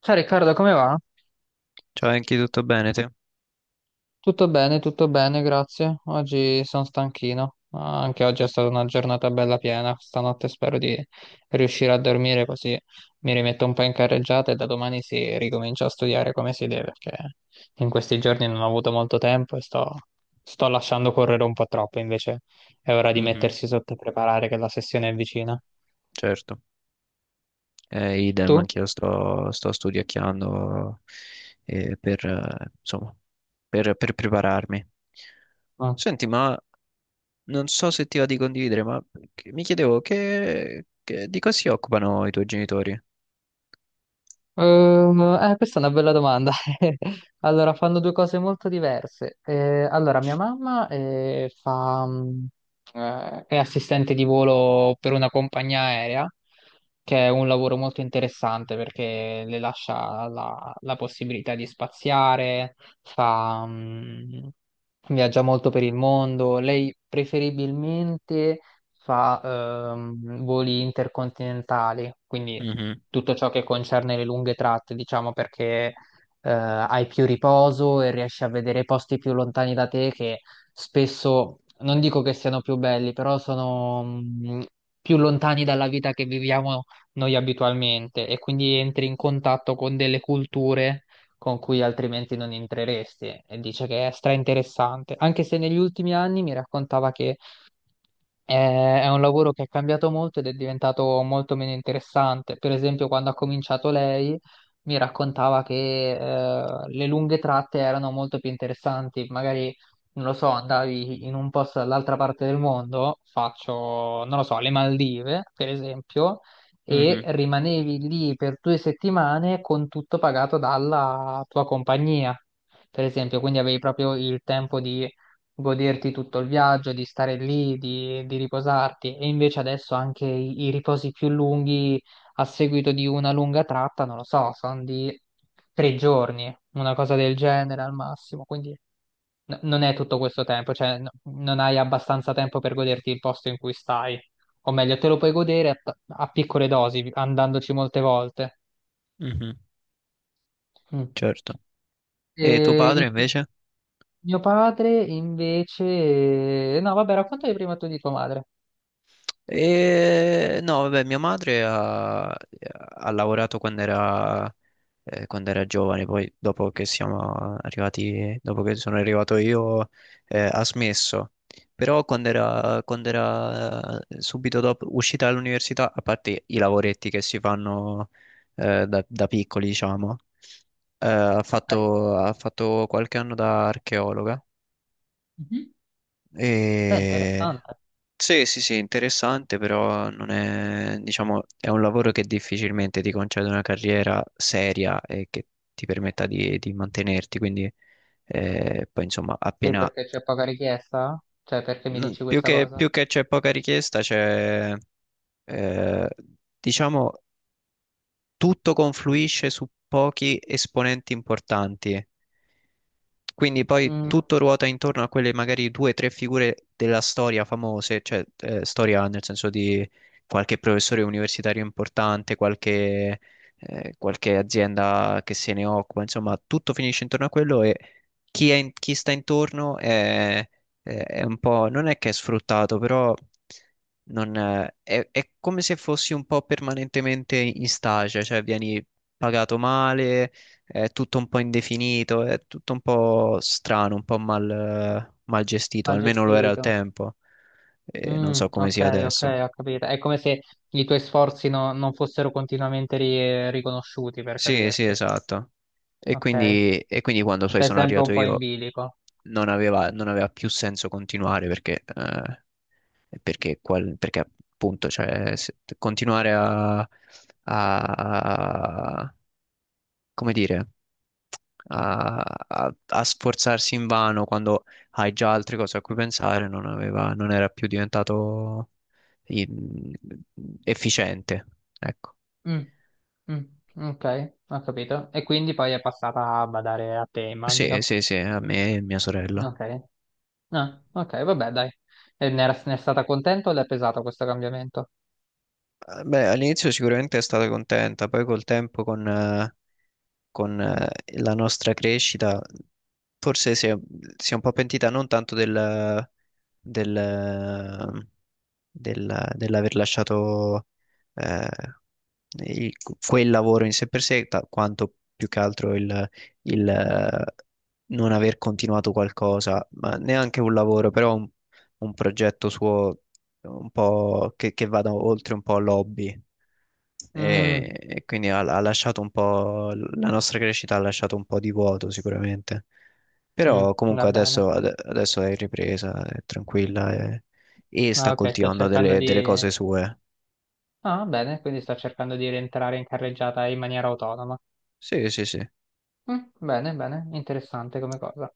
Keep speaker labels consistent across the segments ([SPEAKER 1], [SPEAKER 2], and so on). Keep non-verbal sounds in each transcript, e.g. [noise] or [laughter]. [SPEAKER 1] Ciao Riccardo, come va?
[SPEAKER 2] Ciao Enki, tutto bene te?
[SPEAKER 1] Tutto bene, grazie. Oggi sono stanchino. Ah, anche oggi è stata una giornata bella piena. Stanotte spero di riuscire a dormire così mi rimetto un po' in carreggiata e da domani si ricomincia a studiare come si deve, perché in questi giorni non ho avuto molto tempo e sto lasciando correre un po' troppo. Invece è ora di
[SPEAKER 2] Mhm,
[SPEAKER 1] mettersi sotto e preparare che la sessione è vicina.
[SPEAKER 2] certo. Idem,
[SPEAKER 1] Tu?
[SPEAKER 2] anch'io sto studiacchiando eh, per, eh, insomma, per prepararmi. Senti, ma non so se ti va di condividere, ma mi chiedevo di cosa si occupano i tuoi genitori?
[SPEAKER 1] Questa è una bella domanda. [laughs] Allora, fanno due cose molto diverse. Allora, mia mamma è assistente di volo per una compagnia aerea, che è un lavoro molto interessante perché le lascia la possibilità di spaziare, fa, mh, viaggia molto per il mondo. Lei preferibilmente fa voli intercontinentali, quindi
[SPEAKER 2] Mhm,
[SPEAKER 1] tutto ciò che concerne le lunghe tratte, diciamo, perché hai più riposo e riesci a vedere i posti più lontani da te che spesso, non dico che siano più belli, però sono più lontani dalla vita che viviamo noi abitualmente e quindi entri in contatto con delle culture con cui altrimenti non entreresti e dice che è stra interessante, anche se negli ultimi anni mi raccontava che è un lavoro che è cambiato molto ed è diventato molto meno interessante. Per esempio, quando ha cominciato lei, mi raccontava che le lunghe tratte erano molto più interessanti. Magari, non lo so, andavi in un posto dall'altra parte del mondo, faccio, non lo so, le Maldive, per esempio, e
[SPEAKER 2] mhm,
[SPEAKER 1] rimanevi lì per due settimane con tutto pagato dalla tua compagnia. Per esempio, quindi avevi proprio il tempo di goderti tutto il viaggio, di stare lì, di riposarti. E invece adesso anche i riposi più lunghi a seguito di una lunga tratta, non lo so, sono di tre giorni, una cosa del genere al massimo. Quindi non è tutto questo tempo, cioè non hai abbastanza tempo per goderti il posto in cui stai. O meglio, te lo puoi godere a piccole dosi, andandoci molte volte.
[SPEAKER 2] mhm.
[SPEAKER 1] Mm.
[SPEAKER 2] Certo.
[SPEAKER 1] E
[SPEAKER 2] E tuo padre invece?
[SPEAKER 1] mio padre invece... No, vabbè, raccontami prima tu di tua madre.
[SPEAKER 2] E no, vabbè, mia madre ha lavorato quando quando era giovane, poi dopo che siamo arrivati, dopo che sono arrivato io, ha smesso. Però quando quando era subito dopo uscita dall'università, a parte i lavoretti che si fanno da piccoli, diciamo,
[SPEAKER 1] Ok.
[SPEAKER 2] ha fatto qualche anno da archeologa
[SPEAKER 1] Mhm. Beh,
[SPEAKER 2] e...
[SPEAKER 1] interessante.
[SPEAKER 2] Sì, sì, sì, interessante, però non è, diciamo, è un lavoro che difficilmente ti concede una carriera seria e che ti permetta di mantenerti, quindi poi insomma
[SPEAKER 1] Sì, perché c'è poca richiesta? Cioè, perché mi dici questa cosa?
[SPEAKER 2] più che c'è poca richiesta, eh, diciamo, tutto confluisce su pochi esponenti importanti. Quindi poi
[SPEAKER 1] Mm,
[SPEAKER 2] tutto ruota intorno a quelle magari due o tre figure della storia famose, cioè storia nel senso di qualche professore universitario importante, qualche azienda che se ne occupa, insomma, tutto finisce intorno a quello e chi sta intorno è un po', non è che è sfruttato, però non, è come se fossi un po' permanentemente in stage, cioè vieni pagato male, è tutto un po' indefinito, è tutto un po' strano, un po' mal gestito,
[SPEAKER 1] mal
[SPEAKER 2] almeno lo era al
[SPEAKER 1] gestito.
[SPEAKER 2] tempo, e non
[SPEAKER 1] Mm,
[SPEAKER 2] so come sia
[SPEAKER 1] ok, ok,
[SPEAKER 2] adesso.
[SPEAKER 1] ho capito. È come se i tuoi sforzi non fossero continuamente riconosciuti, per
[SPEAKER 2] Sì, sì,
[SPEAKER 1] capirci.
[SPEAKER 2] esatto.
[SPEAKER 1] Ok.
[SPEAKER 2] E quindi quando poi
[SPEAKER 1] Stai
[SPEAKER 2] sono
[SPEAKER 1] sempre un
[SPEAKER 2] arrivato
[SPEAKER 1] po' in
[SPEAKER 2] io
[SPEAKER 1] bilico.
[SPEAKER 2] non aveva più senso continuare perché appunto cioè, continuare a, a- come dire, a, a sforzarsi invano quando hai già altre cose a cui pensare, non era più diventato in- efficiente. Ecco.
[SPEAKER 1] Mm, mm, ok, ho capito. E quindi poi è passata a badare a te,
[SPEAKER 2] Sì,
[SPEAKER 1] immagino.
[SPEAKER 2] sì, sì, a me e mia sorella.
[SPEAKER 1] Ok. Ah, ok, vabbè, dai. E ne è stata contenta o le è pesato questo cambiamento?
[SPEAKER 2] Beh, all'inizio sicuramente è stata contenta, poi col tempo con la nostra crescita, forse si è un po' pentita non tanto del, dell'aver lasciato eh, il- quel lavoro in sé per sé, quanto più che altro il, eh, non aver continuato qualcosa, ma neanche un lavoro, però un progetto suo un po' che vada oltre un po' l'hobby
[SPEAKER 1] Mm.
[SPEAKER 2] e quindi ha lasciato un po', la nostra crescita ha lasciato un po' di vuoto sicuramente,
[SPEAKER 1] Mm,
[SPEAKER 2] però
[SPEAKER 1] va
[SPEAKER 2] comunque
[SPEAKER 1] bene.
[SPEAKER 2] adesso, adesso è in ripresa, è tranquilla e
[SPEAKER 1] Ah,
[SPEAKER 2] sta
[SPEAKER 1] ok, sto
[SPEAKER 2] coltivando
[SPEAKER 1] cercando
[SPEAKER 2] delle
[SPEAKER 1] di...
[SPEAKER 2] cose sue.
[SPEAKER 1] Ah, bene, quindi sto cercando di rientrare in carreggiata in maniera autonoma.
[SPEAKER 2] Sì, sì, sì.
[SPEAKER 1] Mm, bene, bene, interessante come cosa.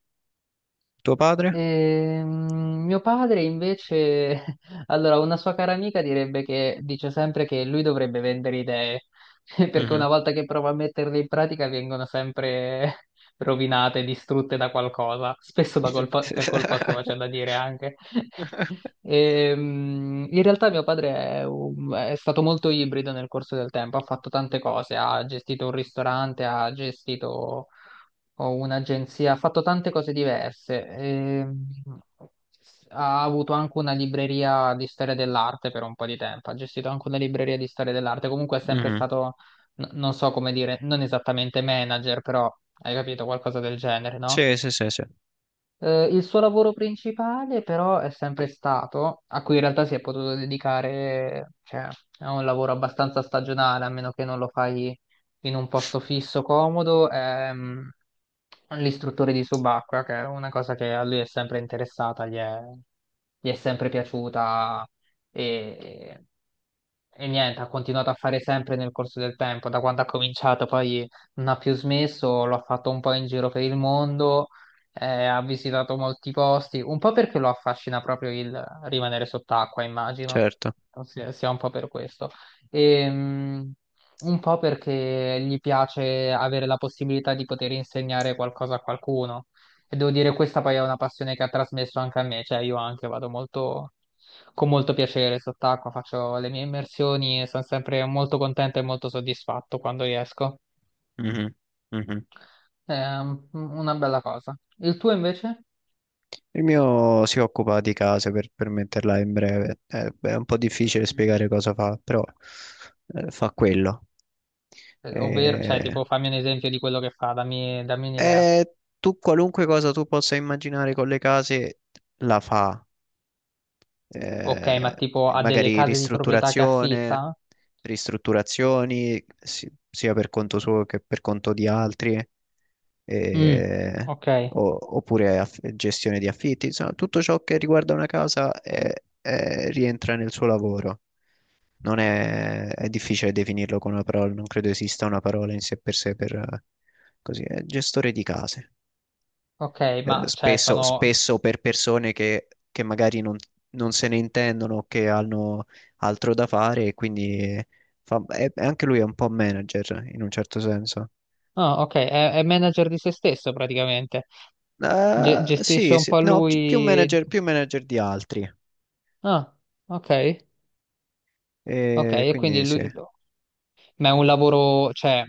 [SPEAKER 2] Tuo padre?
[SPEAKER 1] Mio padre invece, [laughs] allora, una sua cara amica direbbe che dice sempre che lui dovrebbe vendere idee, [laughs] perché una
[SPEAKER 2] Mhm.
[SPEAKER 1] volta che prova a metterle in pratica vengono sempre [laughs] rovinate, distrutte da qualcosa, spesso da per colpa sua, c'è
[SPEAKER 2] [laughs]
[SPEAKER 1] da dire anche. [laughs] In realtà mio padre è stato molto ibrido nel corso del tempo, ha fatto tante cose, ha gestito un ristorante, ha gestito ho un'agenzia, ha fatto tante cose diverse. Ha avuto anche una libreria di storia dell'arte per un po' di tempo, ha gestito anche una libreria di storia dell'arte. Comunque è sempre
[SPEAKER 2] Mhm.
[SPEAKER 1] stato, non so come dire, non esattamente manager, però hai capito qualcosa del genere, no?
[SPEAKER 2] Sì, sì, sì, sì,
[SPEAKER 1] Il suo lavoro principale però è sempre stato, a cui in realtà si è potuto dedicare, cioè è un lavoro abbastanza stagionale, a meno che non lo fai in un posto fisso, comodo, è l'istruttore di subacquea, che è una cosa che a lui è sempre interessata, gli è sempre piaciuta e, e niente, ha continuato a fare sempre nel corso del tempo, da quando ha cominciato poi non ha più smesso, lo ha fatto un po' in giro per il mondo ha visitato molti posti, un po' perché lo affascina proprio il rimanere sott'acqua, immagino,
[SPEAKER 2] certo.
[SPEAKER 1] sia un po' per questo, e, mh, un po' perché gli piace avere la possibilità di poter insegnare qualcosa a qualcuno. E devo dire, questa poi è una passione che ha trasmesso anche a me, cioè io anche vado molto, con molto piacere sott'acqua, faccio le mie immersioni e sono sempre molto contento e molto soddisfatto quando riesco.
[SPEAKER 2] Mhm. Mhm.
[SPEAKER 1] È una bella cosa. Il tuo invece?
[SPEAKER 2] Il mio si occupa di case per metterla in breve. Beh, è un po' difficile spiegare cosa fa, però fa quello.
[SPEAKER 1] Ovvero, cioè,
[SPEAKER 2] Eh,
[SPEAKER 1] tipo, fammi un esempio di quello che fa, dammi un'idea.
[SPEAKER 2] eh, Tu qualunque cosa tu possa immaginare con le case la fa.
[SPEAKER 1] Ok, ma
[SPEAKER 2] eh,
[SPEAKER 1] tipo ha delle
[SPEAKER 2] Magari
[SPEAKER 1] case di proprietà che
[SPEAKER 2] ristrutturazione,
[SPEAKER 1] affitta?
[SPEAKER 2] sia per conto suo che per conto di altri,
[SPEAKER 1] Mm,
[SPEAKER 2] eh,
[SPEAKER 1] ok,
[SPEAKER 2] oppure gestione di affitti, insomma, tutto ciò che riguarda una casa rientra nel suo lavoro. Non è, è difficile definirlo con una parola, non credo esista una parola in sé per così, è gestore di case
[SPEAKER 1] ok, ma cioè sono...
[SPEAKER 2] spesso per persone che magari non se ne intendono, che hanno altro da fare e quindi anche lui è un po' manager in un certo senso.
[SPEAKER 1] Ah, ok, è manager di se stesso praticamente. Gestisce
[SPEAKER 2] Sì,
[SPEAKER 1] un
[SPEAKER 2] sì,
[SPEAKER 1] po'
[SPEAKER 2] no,
[SPEAKER 1] lui...
[SPEAKER 2] più manager di altri.
[SPEAKER 1] Ah, ok, ok,
[SPEAKER 2] E
[SPEAKER 1] e quindi
[SPEAKER 2] quindi sì,
[SPEAKER 1] lui... Ma è un lavoro, cioè,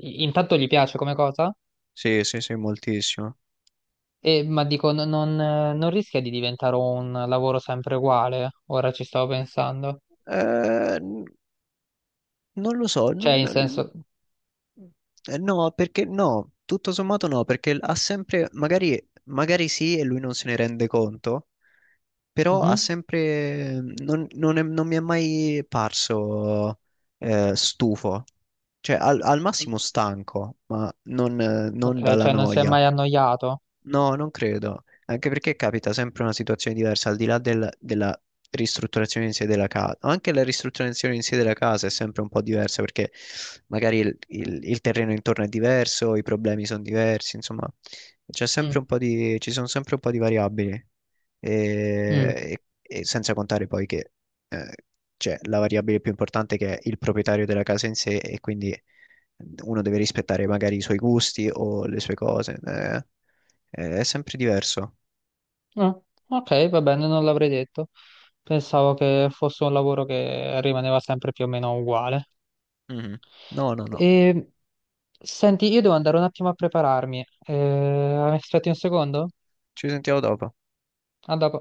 [SPEAKER 1] intanto gli piace come cosa?
[SPEAKER 2] sì, sì, sì, moltissimo.
[SPEAKER 1] E, ma dico, non rischia di diventare un lavoro sempre uguale? Ora ci stavo pensando.
[SPEAKER 2] Eh, n- Non lo so,
[SPEAKER 1] Cioè, in senso...
[SPEAKER 2] no, perché no, tutto sommato no, perché ha sempre, magari sì e lui non se ne rende conto, però ha
[SPEAKER 1] Mhm.
[SPEAKER 2] sempre, mhmm, non, non non mi è mai parso stufo, cioè al
[SPEAKER 1] Mm.
[SPEAKER 2] massimo stanco, ma non
[SPEAKER 1] Ok,
[SPEAKER 2] dalla
[SPEAKER 1] cioè non si è
[SPEAKER 2] noia.
[SPEAKER 1] mai annoiato.
[SPEAKER 2] No, non credo, anche perché capita sempre una situazione diversa, al di là della ristrutturazione in sé della casa, anche la ristrutturazione in sé della casa è sempre un po' diversa perché magari il terreno intorno è diverso, i problemi sono diversi, insomma, c'è
[SPEAKER 1] Mm.
[SPEAKER 2] sempre un po' ci sono sempre un po' di variabili e,
[SPEAKER 1] Mm.
[SPEAKER 2] e senza contare poi che eh, c'è la variabile più importante che è il proprietario della casa in sé e quindi uno deve rispettare magari i suoi gusti o le sue cose. È sempre diverso.
[SPEAKER 1] Ah, ok, va bene, non l'avrei detto. Pensavo che fosse un lavoro che rimaneva sempre più o meno uguale.
[SPEAKER 2] Mhm. No, no, no.
[SPEAKER 1] E... Senti, io devo andare un attimo a prepararmi. Aspetti un secondo?
[SPEAKER 2] Ci sentiamo dopo.
[SPEAKER 1] A dopo.